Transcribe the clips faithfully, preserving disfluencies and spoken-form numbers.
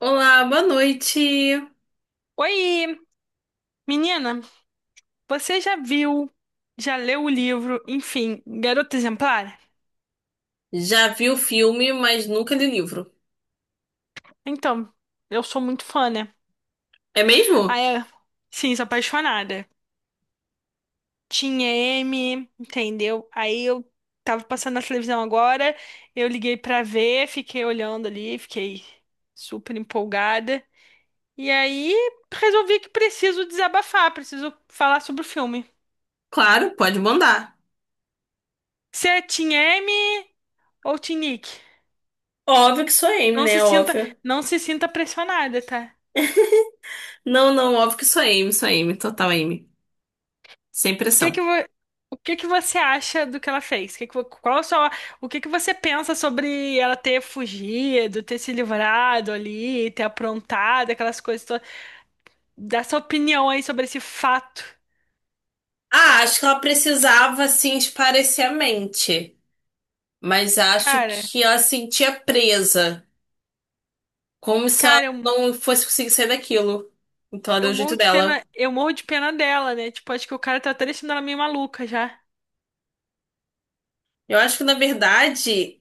Olá, boa noite. Oi, menina, você já viu, já leu o livro, enfim, Garota Exemplar? Já vi o filme, mas nunca li o livro. Então, eu sou muito fã, né? É Aí, mesmo? é, sim, sou apaixonada. Tinha M, entendeu? Aí eu tava passando na televisão agora, eu liguei pra ver, fiquei olhando ali, fiquei super empolgada. E aí resolvi que preciso desabafar, preciso falar sobre o filme. Claro, pode mandar. Você é Team M ou Team Nick? Óbvio que sou Amy, Não se né? sinta, Óbvio. não se sinta pressionada, tá? Não, não, óbvio que sou Amy, sou Amy, total Amy. Sem que pressão. que vo- o que que você acha do que ela fez? Que que vo- qual a sua, O que que você pensa sobre ela ter fugido, ter se livrado ali, ter aprontado aquelas coisas todas? Dá sua opinião aí sobre esse fato. Ah, acho que ela precisava, assim, esparecer a mente. Mas acho Cara, que ela se sentia presa. Como se ela cara, eu, não fosse conseguir sair daquilo. Então ela deu eu o jeito morro de pena, dela. eu morro de pena dela, né? Tipo, acho que o cara tá até deixando ela meio maluca já. Eu acho que, na verdade,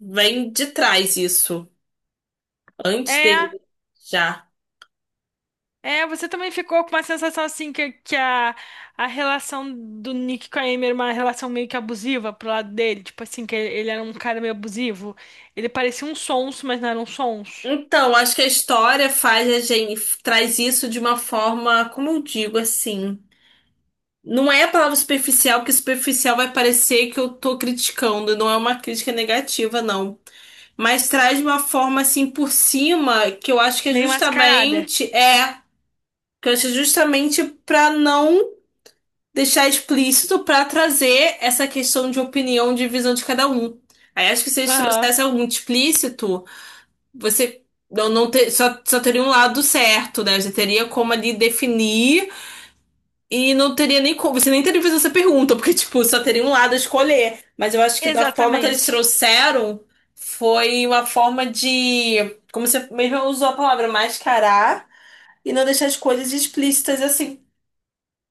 vem de trás isso. Antes É, dele, já. É, você também ficou com uma sensação assim que, que a, a relação do Nick com a Amy era uma relação meio que abusiva pro lado dele. Tipo assim, que ele, ele era um cara meio abusivo. Ele parecia um sonso, mas não era um sonso. Então, acho que a história faz a gente traz isso de uma forma, como eu digo, assim. Não é a palavra superficial, porque superficial vai parecer que eu tô criticando, não é uma crítica negativa, não. Mas traz de uma forma assim por cima, que eu acho que é Meio mascarada. justamente é, que eu acho que é justamente pra não deixar explícito, pra trazer essa questão de opinião, de visão de cada um. Aí acho que se eles Aham. trouxessem algum explícito você não, não ter, só, só teria um lado certo, né? Você teria como ali definir e não teria nem como. Você nem teria que fazer essa pergunta, porque, tipo, só teria um lado a escolher. Mas eu acho que da forma que eles Exatamente. trouxeram foi uma forma de, como você mesmo usou a palavra, mascarar e não deixar as coisas explícitas assim.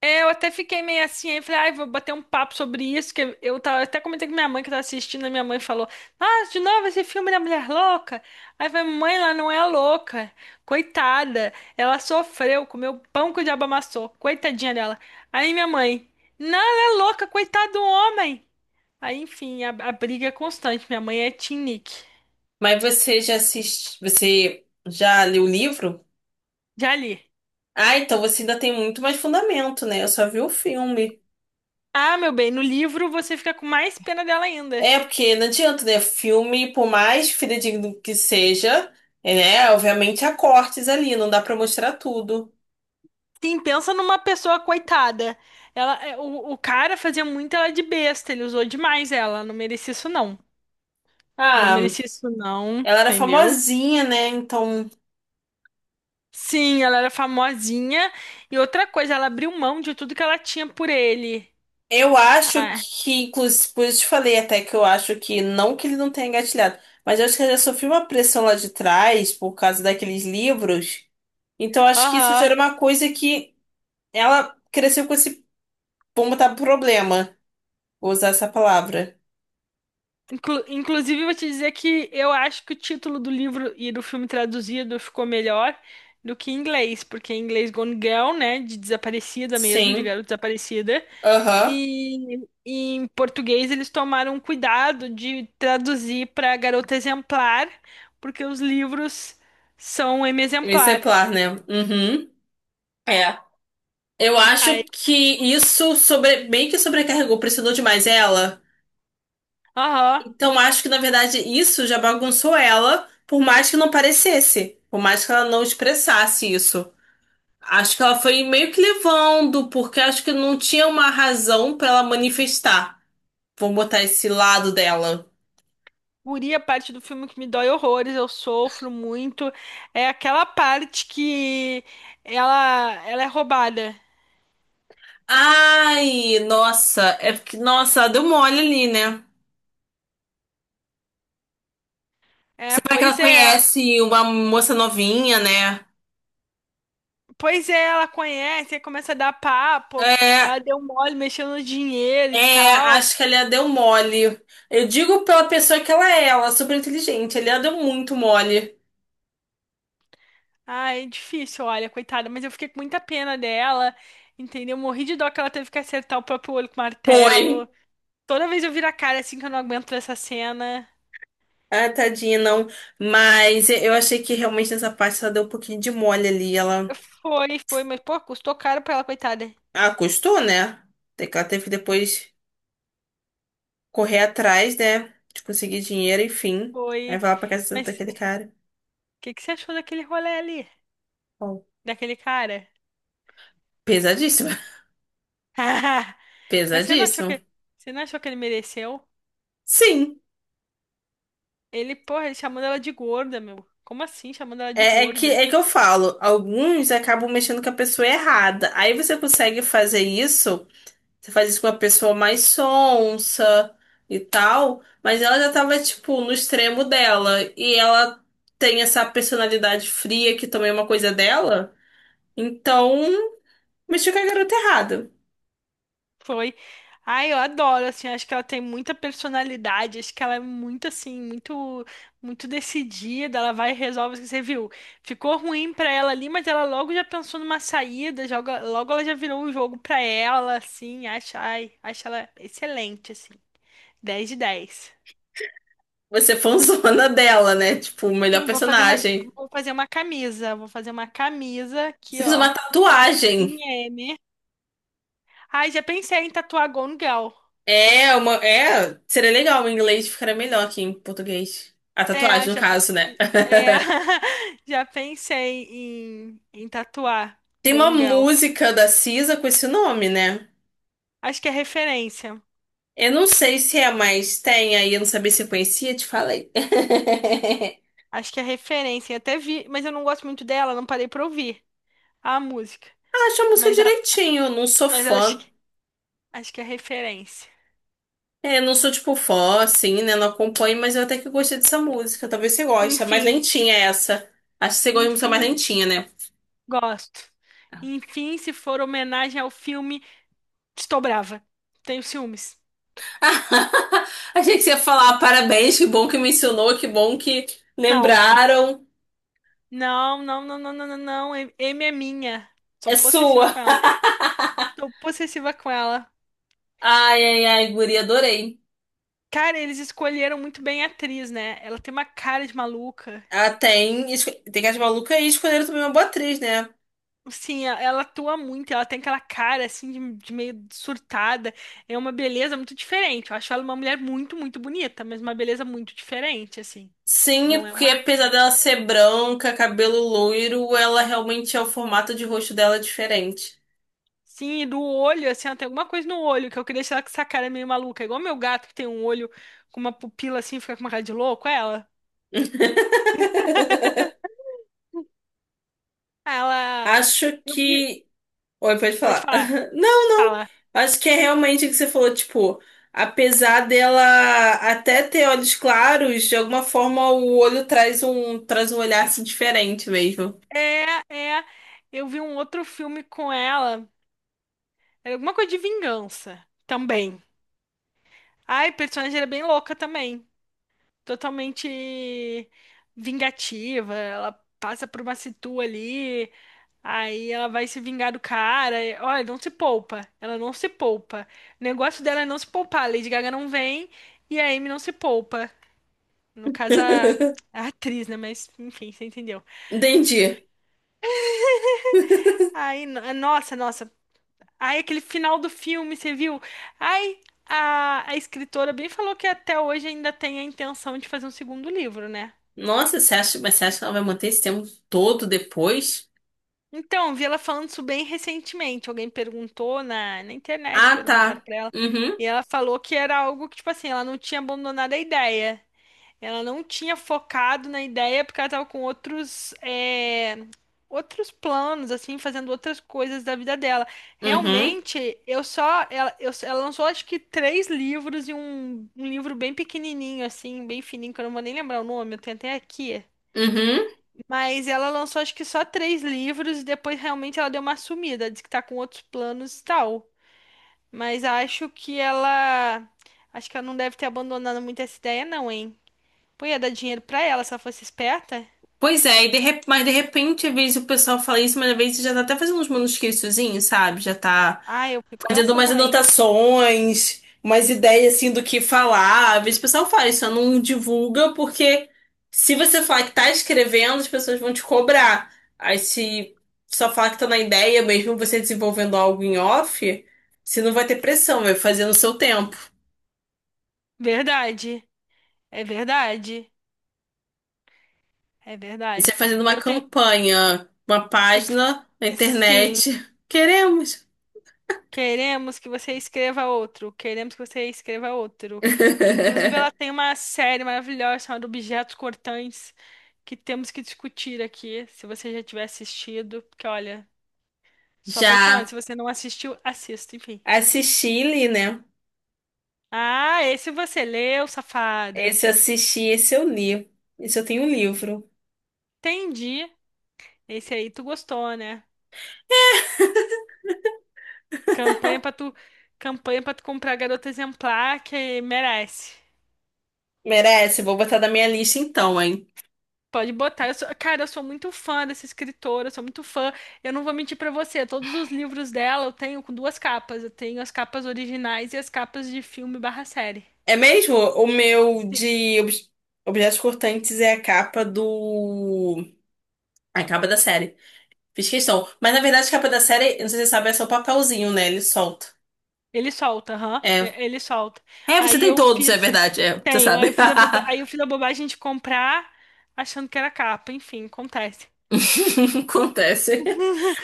É, eu até fiquei meio assim, aí falei, ai, vou bater um papo sobre isso, que eu tava, até comentei com minha mãe que tava assistindo, a minha mãe falou, ah, de novo esse filme da mulher louca? Aí eu falei, mãe, ela não é louca, coitada, ela sofreu, comeu pão que o diabo amassou, coitadinha dela. Aí minha mãe, não, ela é louca, coitado do homem. Aí, enfim, a, a briga é constante, minha mãe é Team Nick. Mas você já assiste, você já leu o livro? Já li. Ah, então você ainda tem muito mais fundamento, né? Eu só vi o filme. Ah, meu bem, no livro você fica com mais pena dela ainda. É, porque não adianta, né? Filme, por mais fidedigno que seja, é, né? Obviamente há cortes ali, não dá pra mostrar tudo. Sim, pensa numa pessoa coitada. Ela, é, o, o cara fazia muito ela de besta, ele usou demais ela. Não merecia isso, não. Não Ah, merecia isso, não, ela era entendeu? famosinha, né? Então, Sim, ela era famosinha. E outra coisa, ela abriu mão de tudo que ela tinha por ele. eu acho Ah, que, inclusive, por isso te falei até que eu acho que, não que ele não tenha engatilhado, mas eu acho que ela já sofreu uma pressão lá de trás por causa daqueles livros. Então, eu acho que isso já aham. era uma coisa que ela cresceu com esse, vamos botar, problema, vou usar essa palavra. Inclu- inclusive, vou te dizer que eu acho que o título do livro e do filme traduzido ficou melhor do que em inglês, porque em inglês Gone Girl, né, de desaparecida mesmo, de Sim, garota desaparecida, aham. e, e em português eles tomaram um cuidado de traduzir para garota exemplar, porque os livros são M exemplar. Exemplar, né? Uhum. É. Eu Aí, acho que isso sobre... bem que sobrecarregou, pressionou demais ela. aham. Então acho que, na verdade, isso já bagunçou ela, por mais que não parecesse, por mais que ela não expressasse isso. Acho que ela foi meio que levando, porque acho que não tinha uma razão pra ela manifestar. Vamos botar esse lado dela. Guri, a parte do filme que me dói horrores, eu sofro muito, é aquela parte que ela, ela é roubada. Ai, nossa, é porque, nossa, ela deu mole ali, né? É, Você vai que ela pois é, conhece uma moça novinha, né? pois é, ela conhece, aí começa a dar papo, ela É, deu mole mexendo no dinheiro e é, tal. acho que a Lia deu mole. Eu digo pela pessoa que ela é, ela é super inteligente. A Lia deu muito mole. Ai, é difícil, olha, coitada, mas eu fiquei com muita pena dela, entendeu? Morri de dó que ela teve que acertar o próprio olho com Foi. martelo. Toda vez eu viro a cara assim que eu não aguento essa cena. Ah, tadinha, não. Mas eu achei que realmente nessa parte ela deu um pouquinho de mole ali. Ela. Foi, foi, mas pô, custou caro pra ela, coitada. Ah, custou, né? Tem que ela teve que depois correr atrás, né? De conseguir dinheiro, enfim. Aí Foi. vai lá pra casa Mas daquele cara. que que você achou daquele rolê ali? Bom, Daquele cara? pesadíssimo. Mas você não achou Pesadíssimo. que, você não achou que ele mereceu? Sim. Ele, porra, ele chamando ela de gorda, meu. Como assim, chamando ela de É, é que, gorda? é que eu falo, alguns acabam mexendo com a pessoa errada. Aí você consegue fazer isso. Você faz isso com uma pessoa mais sonsa e tal, mas ela já tava, tipo, no extremo dela. E ela tem essa personalidade fria que também é uma coisa dela. Então, mexeu com a garota errada. Foi. Ai, eu adoro, assim, acho que ela tem muita personalidade, acho que ela é muito, assim, muito, muito decidida, ela vai e resolve, o que você viu, ficou ruim pra ela ali, mas ela logo já pensou numa saída, joga, logo ela já virou um jogo pra ela, assim, acha, ai, acho ela excelente, assim, dez de dez. Você é fãzona dela, né? Tipo, o melhor Sim, vou fazer uma, personagem. vou fazer uma camisa. Vou fazer uma camisa Você aqui, fez ó. uma Team tatuagem. M. Ai, já pensei em tatuar Gone Girl. É, uma. É, seria legal em inglês, ficaria melhor que em português. A É, tatuagem, no já, pe- caso, né? é, já pensei em, em tatuar Tem uma Gone Girl. música da Cisa com esse nome, né? Acho que é referência. Eu não sei se é, mas tem aí, eu não sabia se eu conhecia, te falei. Acho que é referência. Eu até vi, mas eu não gosto muito dela, não parei pra ouvir a música. Ah, acho a música Mas, a- direitinho, eu não sou mas acho, fã. que- acho que é referência. É, eu não sou tipo fã, assim, né? Não acompanho, mas eu até que gostei dessa música. Talvez você goste. É mais Enfim, lentinha essa. Acho que você gosta de música mais enfim, lentinha, né? gosto. Enfim, se for homenagem ao filme. Estou brava. Tenho ciúmes. Achei que você ia falar parabéns, que bom que mencionou, que bom que Não. lembraram. Não, não, não, não, não, não, não. M é minha. Sou É possessiva sua. com ela. Sou possessiva com ela. Ai, ai, ai, guria, adorei. Cara, eles escolheram muito bem a atriz, né? Ela tem uma cara de maluca. Ah, tem, esco- tem as malucas aí, escolheram também uma boa atriz, né? Sim, ela atua muito, ela tem aquela cara assim de, de meio surtada. É uma beleza muito diferente. Eu acho ela uma mulher muito, muito bonita, mas uma beleza muito diferente, assim. Sim, é Não é porque uma. apesar dela ser branca, cabelo loiro, ela realmente é o formato de rosto dela é diferente. Sim, e do olho, assim, ó, tem alguma coisa no olho que eu queria tirar com essa cara meio maluca. É igual meu gato que tem um olho com uma pupila assim, fica com uma cara de louco, é ela. Ela. Acho Eu vi. que. Oi, pode Pode falar. falar. Não, não. Fala. Acho que é realmente o que você falou, tipo, apesar dela até ter olhos claros, de alguma forma o olho traz um, traz um olhar assim, diferente mesmo. É, é. Eu vi um outro filme com ela. Era alguma coisa de vingança também. Ai, a personagem era bem louca também. Totalmente vingativa. Ela passa por uma situ ali. Aí ela vai se vingar do cara. e- Olha, não se poupa. Ela não se poupa. O negócio dela é não se poupar. A Lady Gaga não vem e a Amy não se poupa. No caso, a, a atriz, né? Mas, enfim, você entendeu. Entendi. Aí, no- nossa, nossa. Aí, aquele final do filme, você viu? Ai, a, a escritora bem falou que até hoje ainda tem a intenção de fazer um segundo livro, né? Nossa, você acha, mas você acha que ela vai manter esse tempo todo depois? Então, vi ela falando isso bem recentemente. Alguém perguntou na, na internet, Ah, perguntaram tá. pra ela. Uhum. E ela falou que era algo que, tipo assim, ela não tinha abandonado a ideia. Ela não tinha focado na ideia porque ela tava com outros, é, outros planos, assim, fazendo outras coisas da vida dela. Uhum. Realmente, eu só. Ela, eu, ela lançou, acho que, três livros e um, um livro bem pequenininho, assim, bem fininho, que eu não vou nem lembrar o nome, eu tenho até aqui. Uhum. Mas ela lançou acho que só três livros e depois realmente ela deu uma sumida, diz que tá com outros planos e tal. Mas acho que ela. Acho que ela não deve ter abandonado muito essa ideia, não, hein? Pô, ia dar dinheiro pra ela se ela fosse esperta? Pois é, e de rep- mas de repente, às vezes o pessoal fala isso, mas às vezes já tá até fazendo uns manuscritozinhos, sabe? Já tá Ah, eu fico fazendo pensando umas também. anotações, umas ideias assim do que falar. Às vezes o pessoal fala isso, só não divulga, porque se você falar que tá escrevendo, as pessoas vão te cobrar. Aí se só falar que tá na ideia, mesmo você desenvolvendo algo em off, você não vai ter pressão, vai fazer no seu tempo. Verdade. É verdade. É Você verdade. fazendo uma Eu tenho. campanha, uma página na Sim. internet. Queremos. Queremos que você escreva outro. Queremos que você escreva outro. Que inclusive ela tem uma série maravilhosa chamada Objetos Cortantes que temos que discutir aqui. Se você já tiver assistido, porque olha, sou apaixonada. Já Se você não assistiu, assista, enfim. assisti e li, né? Ah, esse você leu, safada. Esse eu assisti, esse eu li. Esse eu tenho um livro. Entendi. Esse aí tu gostou, né? Campanha pra tu, campanha para tu comprar garota exemplar que merece. Merece, vou botar da minha lista então, hein? Pode botar. Eu sou- cara, eu sou muito fã dessa escritora, eu sou muito fã. Eu não vou mentir pra você, todos os livros dela eu tenho com duas capas. Eu tenho as capas originais e as capas de filme barra série. É mesmo? O meu Sim. de obj- Objetos Cortantes é a capa do. A capa da série. Fiz questão. Mas na verdade, a capa da série, não sei se você sabe, é só o papelzinho, né? Ele solta. Ele solta, aham. É. E- Ele solta. É, você Aí tem eu todos, é fiz. verdade. É, você Tenho, aí eu sabe. fiz a boba... aí eu fiz a bobagem de comprar achando que era capa. Enfim, acontece. Acontece.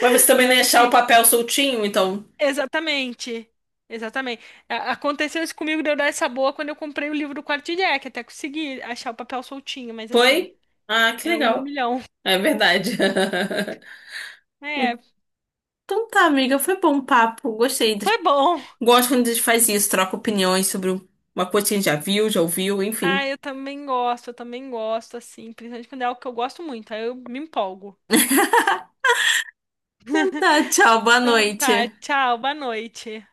Mas você E também não ia aí eu achar o fiquei. papel soltinho, então. Exatamente. Exatamente. A- Aconteceu isso comigo de eu dar essa boa quando eu comprei o livro do Quarto de Jack. Até consegui achar o papel soltinho, mas assim. Foi? Ah, que É um em um legal. milhão. É verdade. É, Então tá, amiga, foi bom o papo. Gostei. foi bom. Gosto quando a gente faz isso, troca opiniões sobre uma coisa que a gente já viu, já ouviu, enfim. Ah, eu também gosto, eu também gosto, assim, principalmente quando é algo que eu gosto muito, aí eu me empolgo. Então tá, tchau, boa Então noite. tá, tchau, boa noite.